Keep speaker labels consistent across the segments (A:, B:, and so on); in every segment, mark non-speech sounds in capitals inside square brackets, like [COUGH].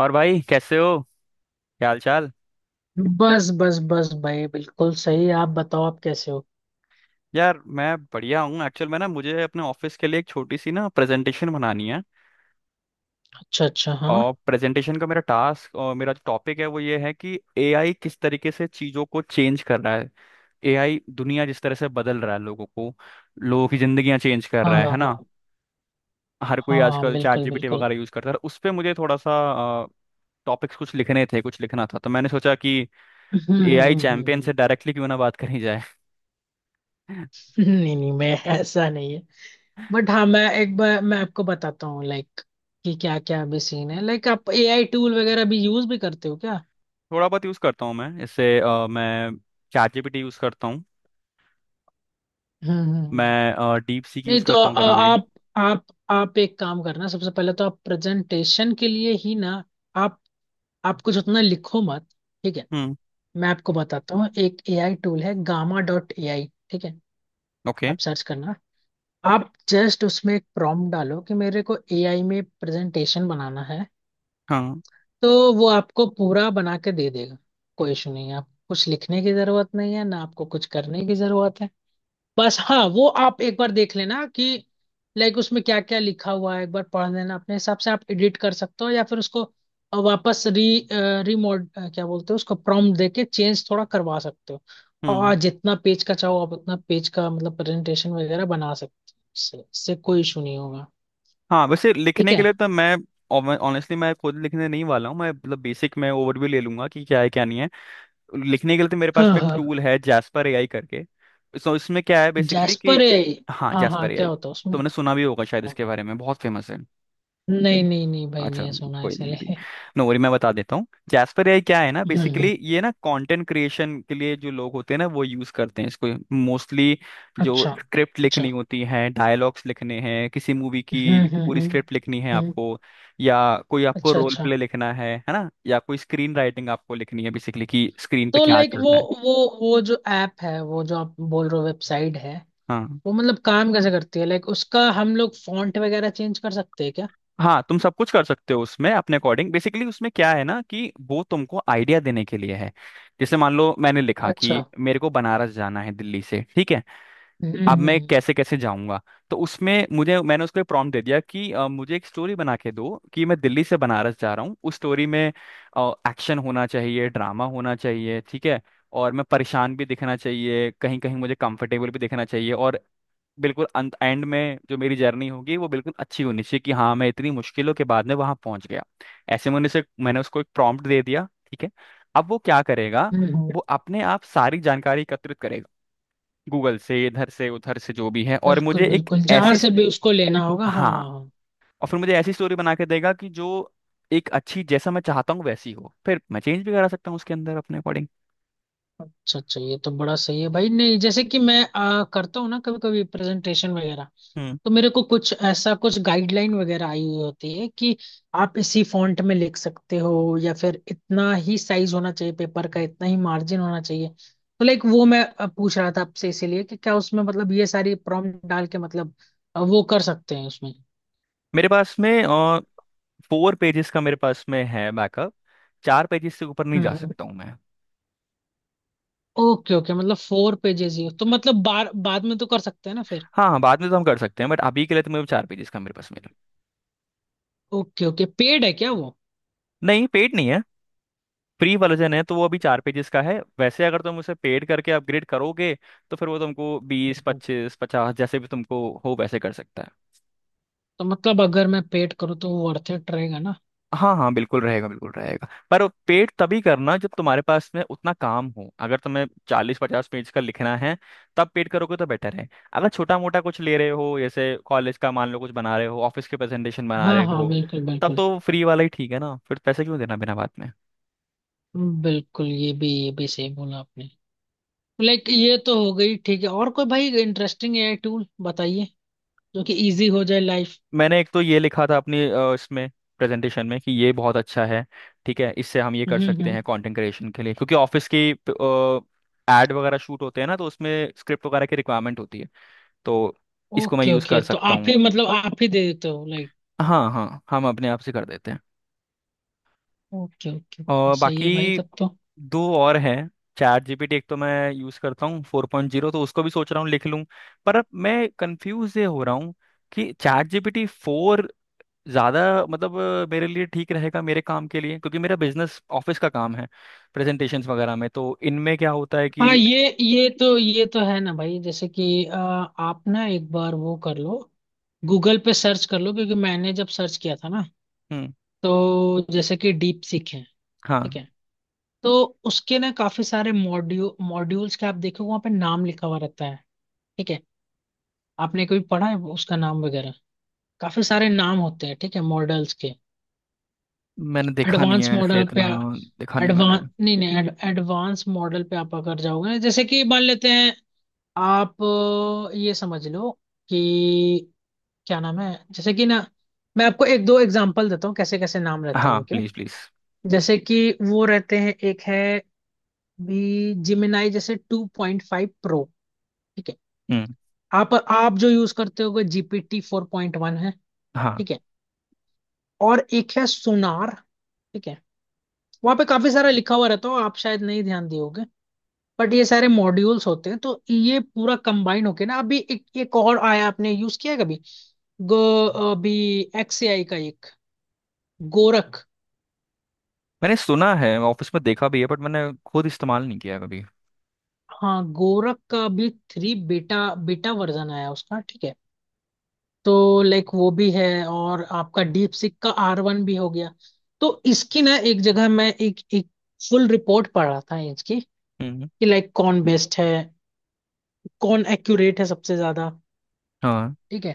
A: और भाई, कैसे हो? क्या हाल चाल?
B: बस बस बस भाई, बिल्कुल सही। आप बताओ, आप कैसे हो।
A: यार मैं बढ़िया हूँ। एक्चुअल में ना मुझे अपने ऑफिस के लिए एक छोटी सी ना प्रेजेंटेशन बनानी है।
B: अच्छा, अच्छा। हाँ।
A: और प्रेजेंटेशन का मेरा टास्क, और मेरा जो टॉपिक है वो ये है कि एआई किस तरीके से चीज़ों को चेंज कर रहा है। एआई दुनिया जिस तरह से बदल रहा है, लोगों को, लोगों की जिंदगियां चेंज कर
B: हाँ,
A: रहा है
B: हाँ, हाँ।
A: ना। हर कोई
B: हाँ,
A: आजकल
B: बिल्कुल
A: चैट जीपीटी
B: बिल्कुल।
A: वगैरह यूज करता है, तो उस पर मुझे थोड़ा सा टॉपिक्स कुछ लिखने थे, कुछ लिखना था, तो मैंने सोचा कि
B: [LAUGHS] हम्म हम्म
A: एआई
B: हम्म,
A: चैंपियन
B: हम्म,
A: से डायरेक्टली क्यों ना बात करी जाए। [LAUGHS]
B: नहीं, नहीं, मैं ऐसा नहीं है। बट हाँ, मैं एक बार मैं आपको बताता हूँ, लाइक कि क्या क्या अभी सीन है। लाइक आप एआई टूल वगैरह भी यूज भी करते हो क्या।
A: थोड़ा बहुत यूज़ करता हूँ मैं इससे। मैं चैट जीपीटी यूज़ करता हूँ।
B: हम्म हम्म हम्म।
A: मैं डीप सीक
B: नहीं,
A: यूज़
B: तो
A: करता हूँ कभी कभी।
B: आप आप एक काम करना, सबसे पहले तो आप प्रेजेंटेशन के लिए ही ना, आप आप कुछ उतना लिखो मत। ठीक है।
A: हम्म।
B: मैं आपको बताता हूँ, एक एआई टूल है, gamma.ai। ठीक है।
A: ओके।
B: आप सर्च करना। आप जस्ट उसमें एक प्रॉम्प्ट डालो कि मेरे को एआई में प्रेजेंटेशन बनाना है,
A: हाँ।
B: तो वो आपको पूरा बना के दे देगा। कोई इशू नहीं है, आप कुछ लिखने की जरूरत नहीं है ना, आपको कुछ करने की जरूरत है। बस हाँ, वो आप एक बार देख लेना कि लाइक उसमें क्या क्या लिखा हुआ है, एक बार पढ़ लेना, अपने हिसाब से आप एडिट कर सकते हो, या फिर उसको वापस री रिमोड क्या बोलते हो, उसको प्रॉम्प्ट देके चेंज थोड़ा करवा सकते हो।
A: हम्म।
B: और जितना पेज का चाहो, आप उतना पेज का मतलब प्रेजेंटेशन वगैरह बना सकते हो, इससे इससे कोई इशू नहीं होगा।
A: हाँ, वैसे
B: ठीक
A: लिखने के
B: है।
A: लिए तो मैं, ऑनेस्टली, मैं खुद लिखने नहीं वाला हूँ। मैं मतलब बेसिक, मैं ओवरव्यू ले लूंगा कि क्या है क्या नहीं है। लिखने के लिए तो मेरे
B: हाँ,
A: पास में एक
B: हाँ।
A: टूल है, जैस्पर एआई करके। सो इसमें क्या है बेसिकली कि।
B: जैस्पर है।
A: हाँ,
B: हाँ, हाँ,
A: जैस्पर
B: क्या
A: एआई।
B: होता है
A: तो
B: उसमें।
A: मैंने सुना भी होगा शायद
B: हाँ।
A: इसके बारे में, बहुत फेमस है।
B: नहीं, नहीं, नहीं, भाई,
A: अच्छा।
B: नहीं सुना
A: कोई नहीं, मे बी।
B: इसलिए।
A: नो वरी, मैं बता देता हूँ जैस्पर एआई क्या है ना।
B: हम्म
A: बेसिकली
B: हम्म,
A: ये ना कंटेंट क्रिएशन के लिए जो लोग होते हैं ना, वो यूज करते हैं इसको, मोस्टली।
B: [LAUGHS]
A: जो
B: अच्छा।
A: स्क्रिप्ट
B: अच्छा।
A: लिखनी होती है, डायलॉग्स लिखने हैं किसी मूवी की, पूरी
B: हम्म।
A: स्क्रिप्ट लिखनी है
B: हम्म।
A: आपको, या कोई आपको
B: अच्छा,
A: रोल
B: अच्छा।
A: प्ले लिखना है ना, या कोई स्क्रीन राइटिंग आपको लिखनी है, बेसिकली कि स्क्रीन पे
B: तो
A: क्या
B: लाइक
A: चल रहा है।
B: वो वो जो ऐप है, वो जो आप बोल रहे हो, वेबसाइट है,
A: हाँ।
B: वो मतलब काम कैसे करती है, लाइक उसका हम लोग फॉन्ट वगैरह चेंज कर सकते हैं क्या।
A: हाँ, तुम सब कुछ कर सकते हो उसमें अपने अकॉर्डिंग। बेसिकली उसमें क्या है ना कि वो तुमको आइडिया देने के लिए है। जैसे मान लो मैंने लिखा कि
B: अच्छा।
A: मेरे को बनारस जाना है दिल्ली से, ठीक है।
B: हम्म
A: अब
B: हम्म
A: मैं कैसे कैसे जाऊंगा? तो उसमें मुझे मैंने उसको प्रॉम्प्ट दे दिया कि मुझे एक स्टोरी बना के दो कि मैं दिल्ली से बनारस जा रहा हूँ। उस स्टोरी में एक्शन होना चाहिए, ड्रामा होना चाहिए, ठीक है। और मैं परेशान भी दिखना चाहिए, कहीं कहीं मुझे कंफर्टेबल भी दिखना चाहिए, और बिल्कुल अंत एंड में जो मेरी जर्नी होगी वो बिल्कुल अच्छी होनी चाहिए, कि हाँ, मैं इतनी मुश्किलों के बाद में वहां पहुंच गया। ऐसे मैंने उसको एक प्रॉम्प्ट दे दिया, ठीक है। अब वो क्या करेगा?
B: हम्म हम्म,
A: वो अपने आप सारी जानकारी एकत्रित करेगा, गूगल से, इधर से उधर से जो भी है, और
B: बिल्कुल
A: मुझे एक
B: बिल्कुल, जहां
A: ऐसी।
B: से भी उसको लेना होगा। हाँ, हाँ,
A: हाँ।
B: हाँ।
A: और फिर मुझे ऐसी स्टोरी बना के देगा कि जो एक अच्छी, जैसा मैं चाहता हूँ वैसी हो, फिर मैं चेंज भी करा सकता हूँ उसके अंदर अपने अकॉर्डिंग।
B: अच्छा, अच्छा, ये तो बड़ा सही है भाई। नहीं, जैसे कि मैं करता हूँ ना कभी कभी प्रेजेंटेशन वगैरह,
A: हम्म।
B: तो मेरे को कुछ ऐसा कुछ गाइडलाइन वगैरह आई हुई होती है कि आप इसी फॉन्ट में लिख सकते हो, या फिर इतना ही साइज होना चाहिए पेपर का, इतना ही मार्जिन होना चाहिए, तो लाइक वो मैं पूछ रहा था आपसे, इसीलिए कि क्या उसमें मतलब ये सारी प्रॉम्प्ट डाल के मतलब वो कर सकते हैं उसमें।
A: मेरे पास में 4 पेजेस का मेरे पास में है बैकअप। 4 पेजेस से ऊपर नहीं जा
B: हम्म।
A: सकता हूँ मैं।
B: ओके, ओके, मतलब 4 पेजेस ही हो, तो मतलब बार बाद में तो कर सकते हैं ना फिर।
A: हाँ हाँ, बाद में तो हम कर सकते हैं, बट अभी के लिए तो मेरे 4 पेजेस का मेरे पास मेल।
B: ओके, ओके, पेड है क्या वो।
A: नहीं, पेड नहीं है। फ्री वर्जन है तो वो अभी 4 पेजेस का है। वैसे अगर तुम उसे पेड करके अपग्रेड करोगे तो फिर वो तुमको बीस
B: हम्म।
A: पच्चीस पचास जैसे भी तुमको हो वैसे कर सकता है।
B: तो मतलब अगर मैं पेड करूँ तो वो वर्थ इट रहेगा ना।
A: हाँ हाँ, बिल्कुल रहेगा, बिल्कुल रहेगा, पर पेड तभी करना जब तुम्हारे पास में उतना काम हो। अगर तुम्हें 40-50 पेज का लिखना है, तब पेड करोगे तो बेटर है। अगर छोटा मोटा कुछ ले रहे हो, जैसे कॉलेज का मान लो कुछ बना रहे हो, ऑफिस के प्रेजेंटेशन बना
B: हाँ,
A: रहे
B: हाँ,
A: हो,
B: बिल्कुल
A: तब
B: बिल्कुल।
A: तो फ्री वाला ही ठीक है ना, फिर पैसे क्यों देना बिना बात में?
B: बिल्कुल, ये भी सही बोला आपने। लाइक ये तो हो गई, ठीक है, और कोई भाई इंटरेस्टिंग एआई टूल बताइए, जो कि इजी हो जाए लाइफ।
A: मैंने एक तो ये लिखा था अपनी, इसमें प्रेजेंटेशन में, कि ये बहुत अच्छा है। ठीक है, इससे हम ये कर सकते
B: हम्म।
A: हैं कंटेंट क्रिएशन के लिए, क्योंकि ऑफिस की एड वगैरह शूट होते हैं ना, तो उसमें स्क्रिप्ट वगैरह की रिक्वायरमेंट होती है, तो इसको मैं
B: ओके,
A: यूज़
B: ओके,
A: कर
B: तो
A: सकता
B: आप
A: हूँ।
B: ही मतलब आप ही दे देते हो, लाइक।
A: हाँ हाँ, हम अपने आप से कर देते हैं।
B: ओके, ओके, ओके,
A: और
B: सही है भाई,
A: बाकी
B: तब तो।
A: दो और हैं। चैट जीपीटी एक तो मैं यूज़ करता हूँ, 4.0, तो उसको भी सोच रहा हूँ लिख लूँ। पर अब मैं कंफ्यूज ये हो रहा हूँ कि चैट जीपीटी 4 ज़्यादा मतलब मेरे लिए ठीक रहेगा मेरे काम के लिए, क्योंकि मेरा बिजनेस ऑफिस का काम है। प्रेजेंटेशंस वगैरह में, तो इनमें क्या होता है
B: हाँ,
A: कि।
B: ये तो है ना भाई, जैसे कि आप ना एक बार वो कर लो, गूगल पे सर्च कर लो, क्योंकि मैंने जब सर्च किया था ना,
A: हम्म।
B: तो जैसे कि डीप सीख है। ठीक
A: हाँ।
B: है। तो उसके ना काफी सारे मॉड्यूल्स के आप देखो, वहाँ पे नाम लिखा हुआ रहता है। ठीक है। आपने कोई पढ़ा है उसका नाम वगैरह, काफी सारे नाम होते हैं, ठीक है, मॉडल्स के।
A: मैंने देखा नहीं
B: एडवांस
A: है ऐसे
B: मॉडल पे।
A: इतना, देखा नहीं मैंने।
B: एडवांस, नहीं, नहीं। एडवांस मॉडल पे आप अगर जाओगे, जैसे कि मान लेते हैं, आप ये समझ लो कि क्या नाम है, जैसे कि ना, मैं आपको एक दो एग्जांपल देता हूँ कैसे कैसे नाम रहते हैं
A: हाँ,
B: उनके।
A: Please please.
B: जैसे कि वो रहते हैं, एक है भी जिमिनाई, जैसे 2.5 प्रो। ठीक है।
A: हम्म।
B: आप जो यूज करते होगे जीपीटी 4.1 है।
A: हाँ।
B: ठीक है। और एक है सोनार। ठीक है। वहां पे काफी सारा लिखा हुआ रहता हो, आप शायद नहीं ध्यान दिए होगे, बट ये सारे मॉड्यूल्स होते हैं, तो ये पूरा कंबाइन होके ना, अभी एक एक और आया, आपने यूज किया है कभी। गो। अभी XAI का एक गोरख।
A: मैंने सुना है, ऑफिस में देखा भी है, बट मैंने खुद इस्तेमाल नहीं किया कभी।
B: हाँ, गोरख का भी 3 बेटा बेटा वर्जन आया उसका। ठीक है। तो लाइक वो भी है, और आपका डीप सिक का R1 भी हो गया। तो इसकी ना एक जगह मैं एक एक फुल रिपोर्ट पढ़ रहा था इसकी, कि
A: हम्म।
B: लाइक कौन बेस्ट है, कौन एक्यूरेट है सबसे ज्यादा।
A: हाँ।
B: ठीक है।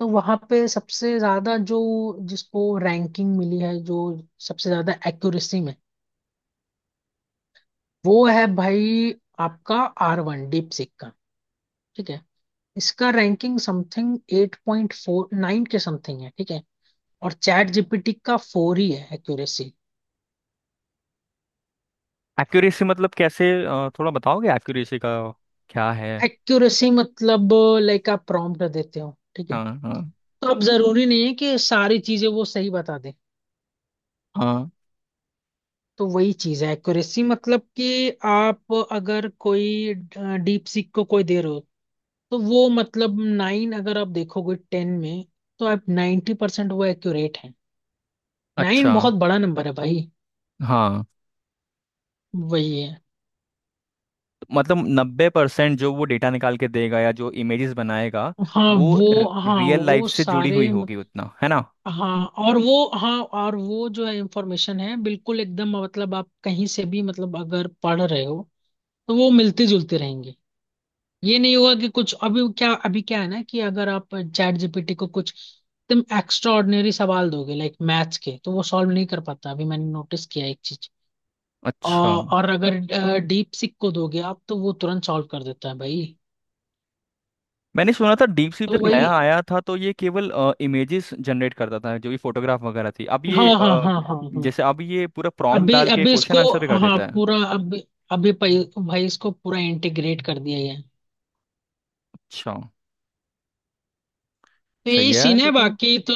B: तो वहां पे सबसे ज्यादा जो जिसको रैंकिंग मिली है, जो सबसे ज्यादा एक्यूरेसी में, वो है भाई आपका R1 डीप सिक का। ठीक है। इसका रैंकिंग समथिंग 8.49 के समथिंग है। ठीक है। और चैट जीपीटी का 4 ही है एक्यूरेसी।
A: एक्यूरेसी मतलब कैसे, थोड़ा बताओगे एक्यूरेसी का क्या है?
B: एक्यूरेसी मतलब लाइक आप प्रॉम्प्ट देते हो, ठीक है,
A: हाँ हाँ
B: तो अब जरूरी नहीं है कि सारी चीजें वो सही बता दे।
A: हाँ।
B: तो वही चीज है एक्यूरेसी, मतलब कि आप अगर कोई डीप सीक को कोई दे रहे हो, तो वो मतलब 9 अगर आप देखोगे 10 में, तो आप 90% वो एक्यूरेट है।
A: अच्छा।
B: 9 बहुत बड़ा नंबर है भाई।
A: हाँ।
B: वही है।
A: मतलब 90% जो वो डेटा निकाल के देगा, या जो इमेजेस बनाएगा
B: हाँ
A: वो
B: वो हाँ
A: रियल लाइफ
B: वो
A: से जुड़ी
B: सारे
A: हुई होगी उतना, है ना।
B: हाँ, और वो जो है, इंफॉर्मेशन है बिल्कुल एकदम, मतलब आप कहीं से भी, मतलब अगर पढ़ रहे हो, तो वो मिलती जुलती रहेंगी। ये नहीं हुआ कि कुछ अभी क्या है ना कि अगर आप चैट जीपीटी को कुछ एकदम एक्स्ट्रा ऑर्डिनरी सवाल दोगे लाइक मैथ्स के, तो वो सॉल्व नहीं कर पाता। अभी मैंने नोटिस किया एक चीज।
A: अच्छा।
B: और अगर डीप सिक को दोगे आप, तो वो तुरंत सॉल्व कर देता है भाई।
A: मैंने सुना था डीप सीप
B: तो
A: जब
B: वही।
A: नया आया था तो ये केवल इमेजेस जनरेट करता था, जो भी फोटोग्राफ वगैरह थी, अब
B: हाँ,
A: ये,
B: हाँ, हाँ, हाँ, हाँ।
A: जैसे अब ये पूरा प्रॉम्प्ट
B: अभी
A: डाल के
B: अभी
A: क्वेश्चन
B: इसको,
A: आंसर भी कर
B: हाँ
A: देता है।
B: पूरा अभी, अभी भाई, इसको पूरा इंटीग्रेट कर दिया गया है।
A: अच्छा।
B: तो
A: सही
B: यही
A: है यार
B: सीन है।
A: फिर तो।
B: बाकी तो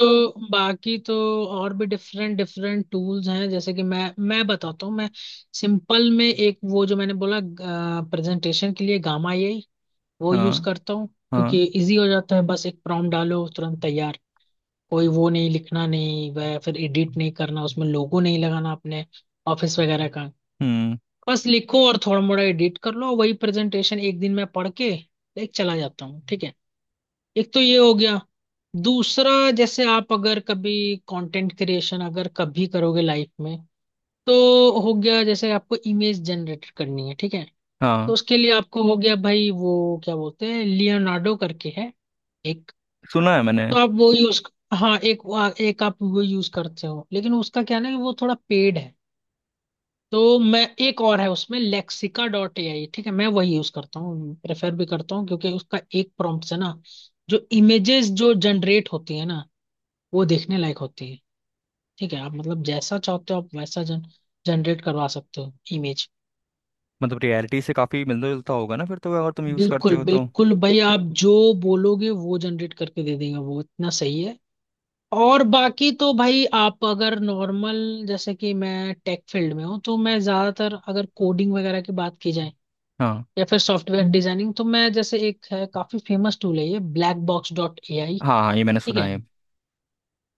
B: बाकी तो और भी डिफरेंट डिफरेंट टूल्स हैं, जैसे कि मैं बताता हूँ। मैं सिंपल में एक वो जो मैंने बोला, प्रेजेंटेशन के लिए गामा, ये वो यूज
A: हाँ
B: करता हूँ,
A: हाँ।
B: क्योंकि इजी हो जाता है। बस एक प्रॉम्प्ट डालो, तुरंत तैयार। कोई वो नहीं लिखना, नहीं वह फिर एडिट नहीं करना, उसमें लोगो नहीं लगाना अपने ऑफिस वगैरह का,
A: हम्म।
B: बस लिखो और थोड़ा मोड़ा एडिट कर लो, वही प्रेजेंटेशन एक दिन में पढ़ के एक चला जाता हूँ। ठीक है। एक तो ये हो गया, दूसरा, जैसे आप अगर कभी कंटेंट क्रिएशन अगर कभी करोगे लाइफ में, तो हो गया, जैसे आपको इमेज जनरेट करनी है, ठीक है, तो
A: हाँ,
B: उसके लिए आपको हो गया भाई, वो क्या बोलते हैं लियोनार्डो करके है एक,
A: सुना है मैंने।
B: तो आप वो यूज। हाँ, एक आप वो यूज करते हो, लेकिन उसका क्या ना कि वो थोड़ा पेड है, तो मैं। एक और है उसमें lexica.ai। ठीक है। मैं वही यूज करता हूँ, प्रेफर भी करता हूँ, क्योंकि उसका एक प्रॉम्प्ट से ना जो इमेजेस जो जनरेट होती है ना, वो देखने लायक होती है। ठीक है। आप मतलब जैसा चाहते हो, आप वैसा जन जनरेट करवा सकते हो इमेज।
A: मतलब रियलिटी से काफी मिलता जुलता होगा ना फिर तो, अगर तुम यूज करते
B: बिल्कुल
A: हो तो।
B: बिल्कुल भाई, आप जो बोलोगे वो जनरेट करके दे देंगे, वो इतना सही है। और बाकी तो भाई, आप अगर नॉर्मल, जैसे कि मैं टेक फील्ड में हूँ, तो मैं ज्यादातर अगर कोडिंग वगैरह की बात की जाए,
A: हाँ
B: या फिर सॉफ्टवेयर डिजाइनिंग, तो मैं जैसे एक है काफी फेमस टूल है, ये blackbox.ai।
A: हाँ हाँ, ये मैंने
B: ठीक
A: सुना
B: है।
A: है।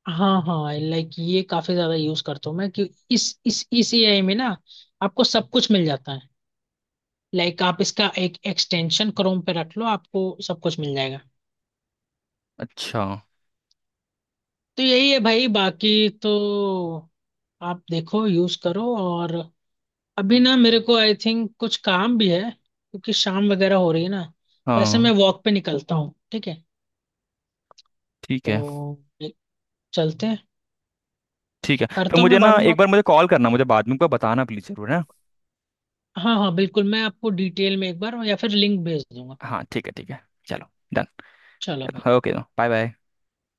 B: हाँ, हाँ, लाइक ये काफी ज्यादा यूज करता हूँ मैं, कि इस एआई में ना आपको सब कुछ मिल जाता है। लाइक आप इसका एक एक्सटेंशन क्रोम पे रख लो, आपको सब कुछ मिल जाएगा।
A: अच्छा।
B: तो यही है भाई, बाकी तो आप देखो, यूज करो, और अभी ना मेरे को आई थिंक कुछ काम भी है, क्योंकि शाम वगैरह हो रही है ना, तो ऐसे
A: हाँ
B: मैं वॉक पे निकलता हूँ। ठीक है।
A: ठीक
B: तो
A: है,
B: चलते हैं।
A: ठीक है। तो
B: करता हूँ
A: मुझे
B: मैं बाद
A: ना
B: में
A: एक
B: बात,
A: बार मुझे कॉल करना, मुझे बाद में को बताना प्लीज, जरूर है।
B: हाँ, हाँ, बिल्कुल, मैं आपको डिटेल में एक बार या फिर लिंक भेज दूंगा।
A: हाँ ठीक है, ठीक है। चलो। डन।
B: चलो भाई।
A: चलो, ओके। Bye bye.